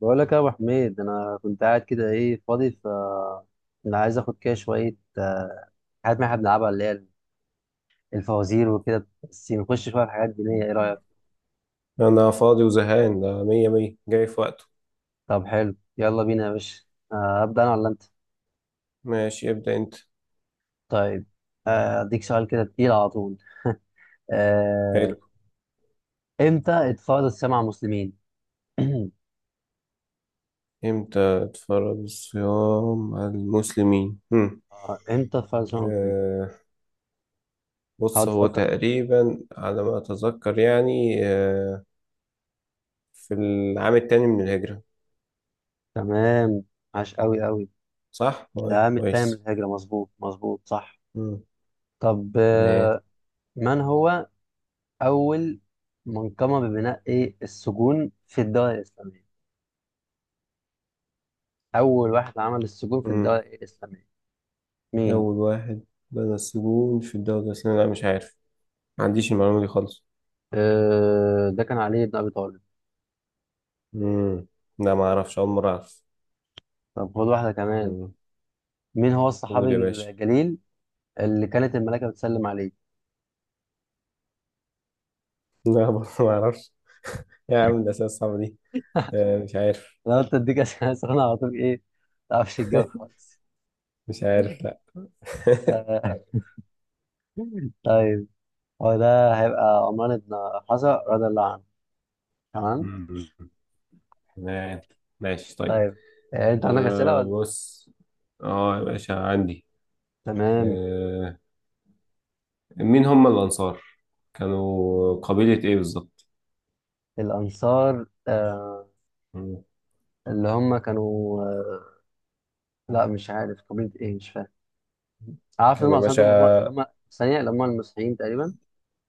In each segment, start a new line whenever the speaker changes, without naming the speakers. بقول لك يا ابو حميد، انا كنت قاعد كده، ايه، فاضي. انا عايز اخد كده شويه، حاجات ما احنا بنلعبها، اللي هي الفوازير وكده، بس نخش شويه في حاجات دينيه. ايه رايك؟
أنا فاضي وزهقان، ده مية مية، جاي في وقته.
طب حلو، يلا بينا يا باشا. ابدا انا ولا انت؟
ماشي، ابدأ أنت.
طيب. اديك سؤال كده تقيل على طول. آه،
حلو.
امتى اتفرض السمع على المسلمين؟
إمتى تفرض الصيام على المسلمين؟ هم.
امتى اتفرض السمع على المسلمين؟
آه
هقعد
بص، هو
افكر فيه.
تقريبا على ما أتذكر، يعني في العام التاني من الهجرة.
تمام. عاش قوي قوي.
صح؟ طيب،
العام التاني من
كويس.
الهجره، مظبوط مظبوط صح.
مم.
طب
ايه.
من هو اول منظمه ببناء إيه؟ السجون في الدوله الاسلاميه. اول واحد عمل السجون في الدوله
مم.
الاسلاميه مين؟
أول واحد بدأ السجون في الدولة الإسلامية، لا مش عارف، ما عنديش المعلومة دي خالص.
أه، ده كان علي بن ابي طالب.
مم. لا، ما أعرفش، أول مرة أعرف.
طب خد واحده كمان.
مم.
مين هو الصحابي
قول يا باشا.
الجليل اللي كانت الملائكه بتسلم عليه؟
لا برضه ما أعرفش. يا عم الأسئلة الصعبة دي مش عارف.
انا قلت اديك اسئله سخنه على طول، ايه، ما تعرفش الجو خالص.
مش عارف، لا.
آه، طيب، هو ده هيبقى عمران بن حسن رضي الله عنه. تمام.
مم. ما- ماشي، طيب.
طيب انت عندك اسئله ولا؟
بص، اه يا باشا عندي.
تمام.
آه مين هم الأنصار؟ كانوا قبيلة إيه بالظبط؟
الانصار، اللي هم كانوا، لا مش عارف قبيلة ايه، مش فاهم. عارف ان
كان
هم
يا
اصلا دول، هم اللي
باشا،
هم ثانية اللي هم المسيحيين تقريبا،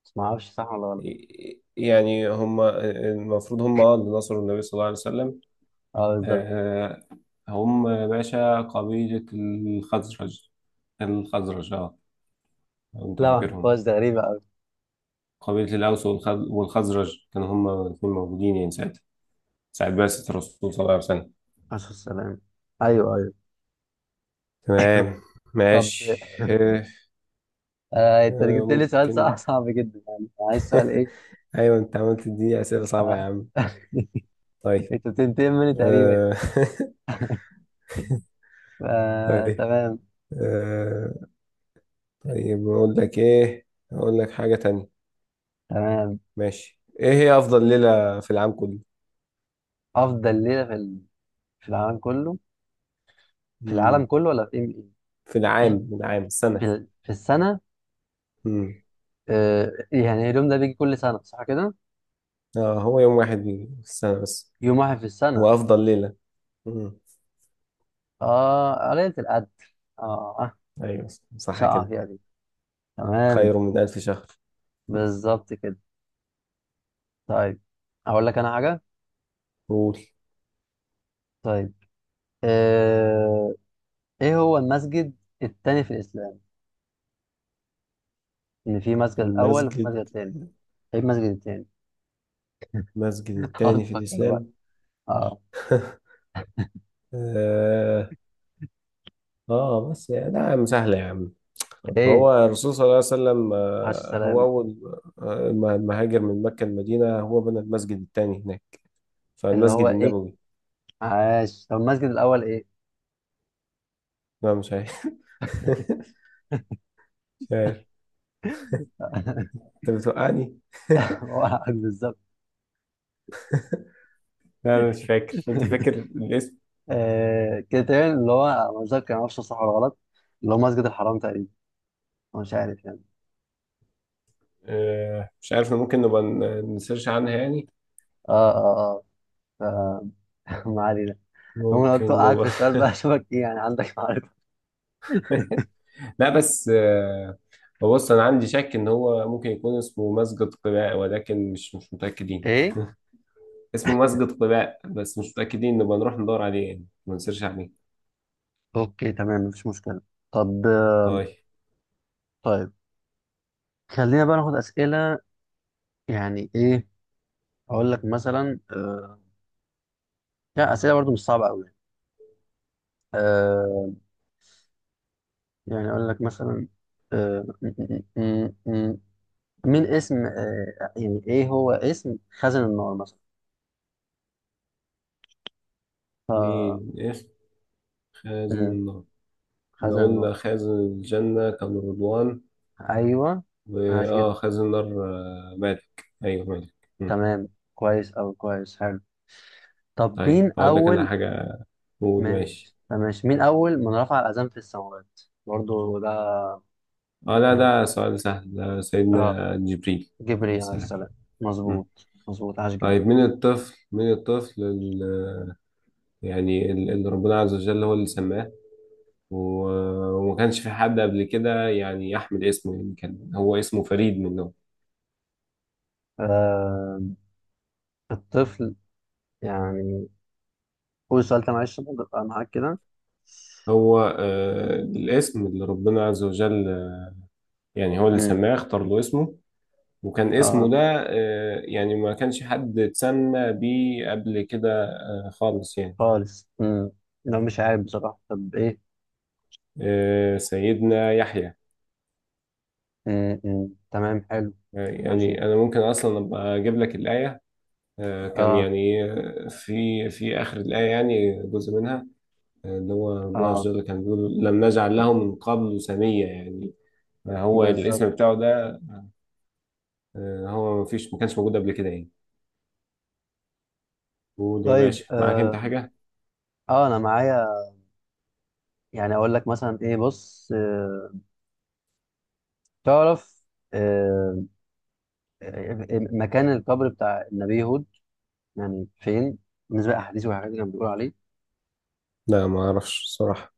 بس ما اعرفش صح ولا غلط.
يعني هم المفروض هم اللي نصروا النبي صلى الله عليه وسلم.
اه بالظبط.
آه، هم يا باشا قبيلة الخزرج، الخزرج. اه، لو انت
لا ما
فاكرهم.
اعرفهاش، ده غريبة قوي.
قبيلة والخزرج كانوا هم الاثنين موجودين، يعني ساعتها ساعة بعثة الرسول صلى الله عليه وسلم.
عليه السلام. ايوه ايوه.
تمام،
طب
ماشي. آه،
انت جبت لي سؤال صعب
ممكن.
صعب جدا يعني. عايز سؤال ايه؟
ايوه، انت عملت دي أسئلة صعبة يا
آه.
عم. طيب
انت بتنتقم مني تقريبا يعني.
آه،
آه،
طيب
تمام
آه، طيب اقول لك ايه، اقول لك حاجة تانية.
تمام.
ماشي، ايه هي افضل ليلة في العام كله؟
افضل ليلة في العالم كله. في العالم
مم.
كله ولا في ايه؟
في العام السنة.
في السنة.
مم.
آه، يعني اليوم ده بيجي كل سنة صح كده.
اه، هو يوم واحد في السنة بس،
يوم واحد في السنة.
هو افضل ليلة. مم.
اه، قرية القدر. اه. آه،
ايوه،
مش
صح
هقع
كده.
فيها دي. تمام.
خير من 1000 شهر.
بالظبط كده. طيب، اقول لك انا حاجة.
قول.
طيب آه، ايه هو المسجد التاني في الاسلام؟ ان في مسجد الاول وفي
المسجد
مسجد التاني. ايه المسجد التاني؟
المسجد
اقعد
التاني في
تفكر بقى.
الاسلام.
اه.
اه. بس يعني لا يا عم، سهلة يا عم. ما
ايه،
هو الرسول صلى الله عليه وسلم
عاش
هو
السلام.
اول ما هاجر من مكة المدينة هو بنى المسجد التاني هناك،
اللي
فالمسجد
هو ايه؟
النبوي.
عاش. طب المسجد الاول ايه؟
لا مش عارف. مش عارف. انت بتوقعني.
هو عاش بالظبط.
لا انا مش فاكر، انت فاكر الاسم؟
كده تاني، اللي هو أنا مش فاكر، ما اعرفش صح ولا غلط. اللي هو مسجد الحرام تقريبا. أنا مش عارف يعني.
مش عارف، ممكن نبقى نسيرش عنها يعني.
اه اه اه، ما علينا. هو انا قلت
ممكن
اوقعك في
نبقى.
السؤال بقى اشوفك ايه يعني، عندك معرفه
لا بس هو بص، انا عندي شك ان هو ممكن يكون اسمه مسجد قباء، ولكن مش متاكدين.
ايه.
اسمه مسجد قباء بس مش متاكدين، نبقى نروح ندور عليه يعني، ما نسيرش عليه.
اوكي تمام، مفيش مشكله. طب.
طيب
طيب، خلينا بقى ناخد اسئله يعني ايه. اقول لك مثلا لا اسئله برضو مش صعبه قوي. آه... يعني اقول لك مثلا. آه... م- م- م- م- مين اسم يعني ايه هو اسم خزن النار مثلا؟ ف
مين اسم خازن
م-
النار؟ لو
خزن النار.
قلنا خازن الجنة كان رضوان،
ايوه، عاش
وآه
جدا.
خازن نار مالك. أيوه، مالك. مم.
تمام، كويس او كويس، حلو. طب
طيب
مين
هقول لك أنا
اول؟
حاجة. قول، ماشي.
ماشي ماشي. مين أول من رفع الأذان في السماوات؟ برضو ده
لا
يعني المفروض.
ده سؤال سهل، ده
اه،
سيدنا جبريل عليه
جبريل عليه
السلام.
السلام.
مم.
مظبوط مظبوط، عاش جدا.
طيب، من الطفل يعني اللي ربنا عز وجل هو اللي سماه، وما كانش في حد قبل كده يعني يحمل اسمه، يعني كان هو اسمه فريد من نوعه.
آه... الطفل يعني. قول السؤال ده معلش عشان أبقى معاك كده.
هو الاسم اللي ربنا عز وجل، يعني هو اللي
مم.
سماه، اختار له اسمه. وكان اسمه
اه،
ده يعني ما كانش حد اتسمى بيه قبل كده خالص يعني.
خالص مم. لو مش عارف بصراحة. طب ايه؟
سيدنا يحيى.
مم. مم. تمام حلو. عاش
يعني
جدا.
أنا ممكن أصلا أبقى أجيب لك الآية. كان
اه،
يعني في آخر الآية، يعني جزء منها. اللي هو ربنا عز
اه
وجل كان بيقول لم نجعل له من قبل سمية يعني هو
بالظبط.
الاسم بتاعه ده هو ما فيش، ما كانش موجود قبل كده يعني. قول يا
طيب
باشا، معاك أنت حاجة؟
أنا معايا. يعني أقول لك مثلا ايه. بص تعرف آه، مكان القبر بتاع النبي هود يعني فين، بالنسبة للأحاديث والحاجات اللي كانوا بيقولوا عليه؟
لا ما أعرفش الصراحة.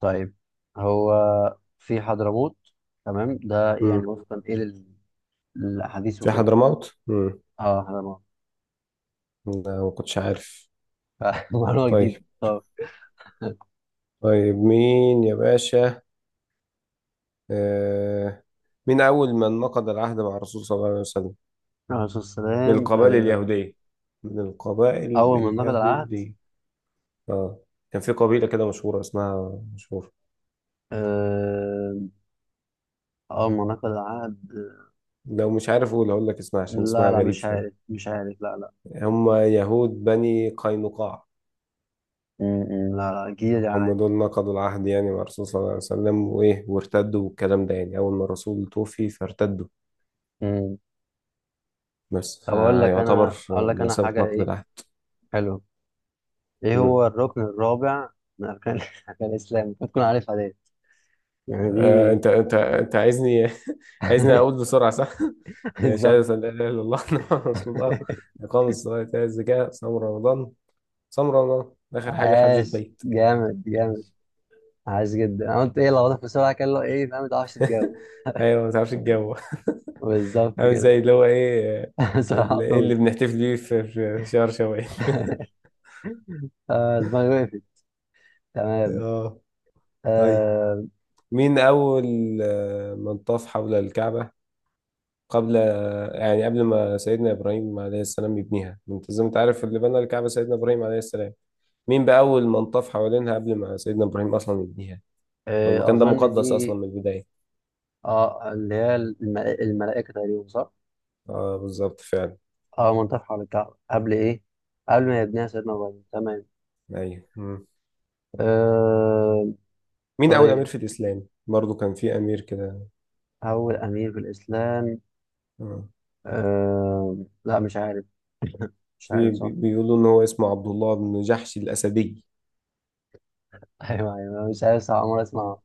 طيب، هو في حضرموت. تمام. ده يعني
مم.
وفقا إيه للأحاديث
في
وكده.
حضرموت؟ مم.
اه، حضرموت.
لا ما كنتش عارف.
معلومة جديدة.
طيب.
طب.
طيب مين يا باشا آه مين أول من نقض العهد مع الرسول صلى الله عليه وسلم؟
الرسول صلى الله عليه
من
وسلم
القبائل اليهودية. من القبائل
أول ما نقض العهد
اليهودية. اه، كان في قبيلة كده مشهورة، اسمها مشهورة.
آه، أول ما نقض العهد
لو مش عارف هقول لك اسمها، عشان
لا
اسمها
لا،
غريب
مش
شوية.
عارف، مش عارف، لا لا.
هم يهود بني قينقاع.
م- م، لا لا، جديدة دي
هم
عليا.
دول نقضوا العهد يعني مع الرسول صلى الله عليه وسلم وإيه، وارتدوا والكلام ده، يعني أول ما الرسول توفي فارتدوا.
م.
بس
طب أقول لك
يعتبر
أنا، أقول لك أنا
بمثابة
حاجة
نقض
إيه
العهد.
حلوة. ايه هو الركن الرابع من اركان اركان الاسلام؟ المفروض تكون عارفها دي، يعني
انت
دي.
انت انت عايزني، عايزني اقول بسرعه، صح؟ يا
بالظبط.
شهادة أن لا إله إلا الله، محمد رسول الله، إقام الصلاة، إيتاء الزكاة، صوم رمضان، آخر حاجة حج
عاش
البيت.
جامد جامد. عاش جدا. انا قلت ايه لو واضح بسرعه كان له ايه فاهم، ما تعرفش تجاوب.
أيوة، ما تعرفش الجو.
بالظبط
عامل
كده.
زي اللي هو إيه،
بسرعه على طول.
اللي بنحتفل بيه في شهر شوال.
دماغي وقفت. تمام.
آه. طيب
آه،
مين أول من طاف حول الكعبة قبل، يعني قبل ما سيدنا إبراهيم عليه السلام يبنيها؟ أنت زي ما أنت عارف، اللي بنى الكعبة سيدنا إبراهيم عليه السلام، مين بقى أول من طاف حوالينها قبل ما سيدنا إبراهيم أصلا يبنيها؟ هو المكان ده
اظن
مقدس أصلا
دي.
من البداية.
اه، اللي هي الملائكه تقريبا صح؟
اه، بالظبط فعلا.
اه، منطقه حول الكعبه قبل ايه؟ قبل ما يبنيها سيدنا ابراهيم. تمام.
أيوه. مم.
آه،
مين أول أمير
طيب،
في الإسلام؟ برضو كان في أمير كده.
أول أمير في الإسلام؟
آه.
أه... لا مش عارف، مش
في
عارف صح.
بيقولوا إن هو اسمه عبد الله بن جحش الأسدي.
أيوه أيوه، مش عارف صح، عمري أسمع.
مم.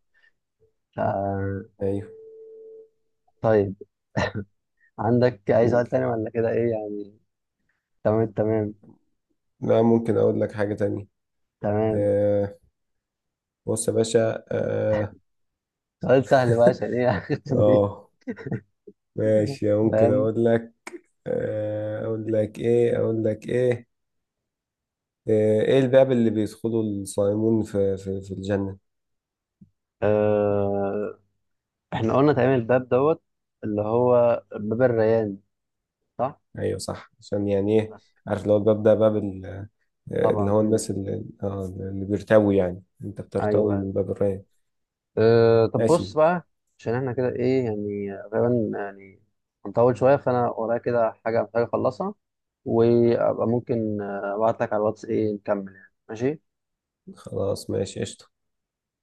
أه...
أيوه.
طيب، عندك أي سؤال
قول.
تاني ولا كده إيه يعني؟ تمام تمام
لا، ممكن أقول لك حاجة تانية.
تمام.
آه. بص يا باشا.
سؤال سهل بقى عشان إيه أختم بيه.
آه ماشي، ممكن
فاهم.
أقول لك. أقول لك إيه. إيه الباب اللي بيدخله الصائمون في الجنة؟
أه... إحنا قلنا تقريبا الباب دوت، اللي هو باب الريان صح؟
ايوه صح، عشان يعني ايه، عارف اللي هو الباب ده باب اللي
طبعا
هو
مم.
الناس اللي بيرتوي، يعني انت بترتوي
أيوه.
من باب الراية.
طب بص
ماشي.
بقى، عشان إحنا كده إيه يعني، غالبا يعني هنطول شوية، فأنا ورايا كده حاجة محتاج أخلصها، وابقى ممكن ابعت لك على الواتس ايه نكمل يعني، ماشي؟
خلاص، ماشي قشطة.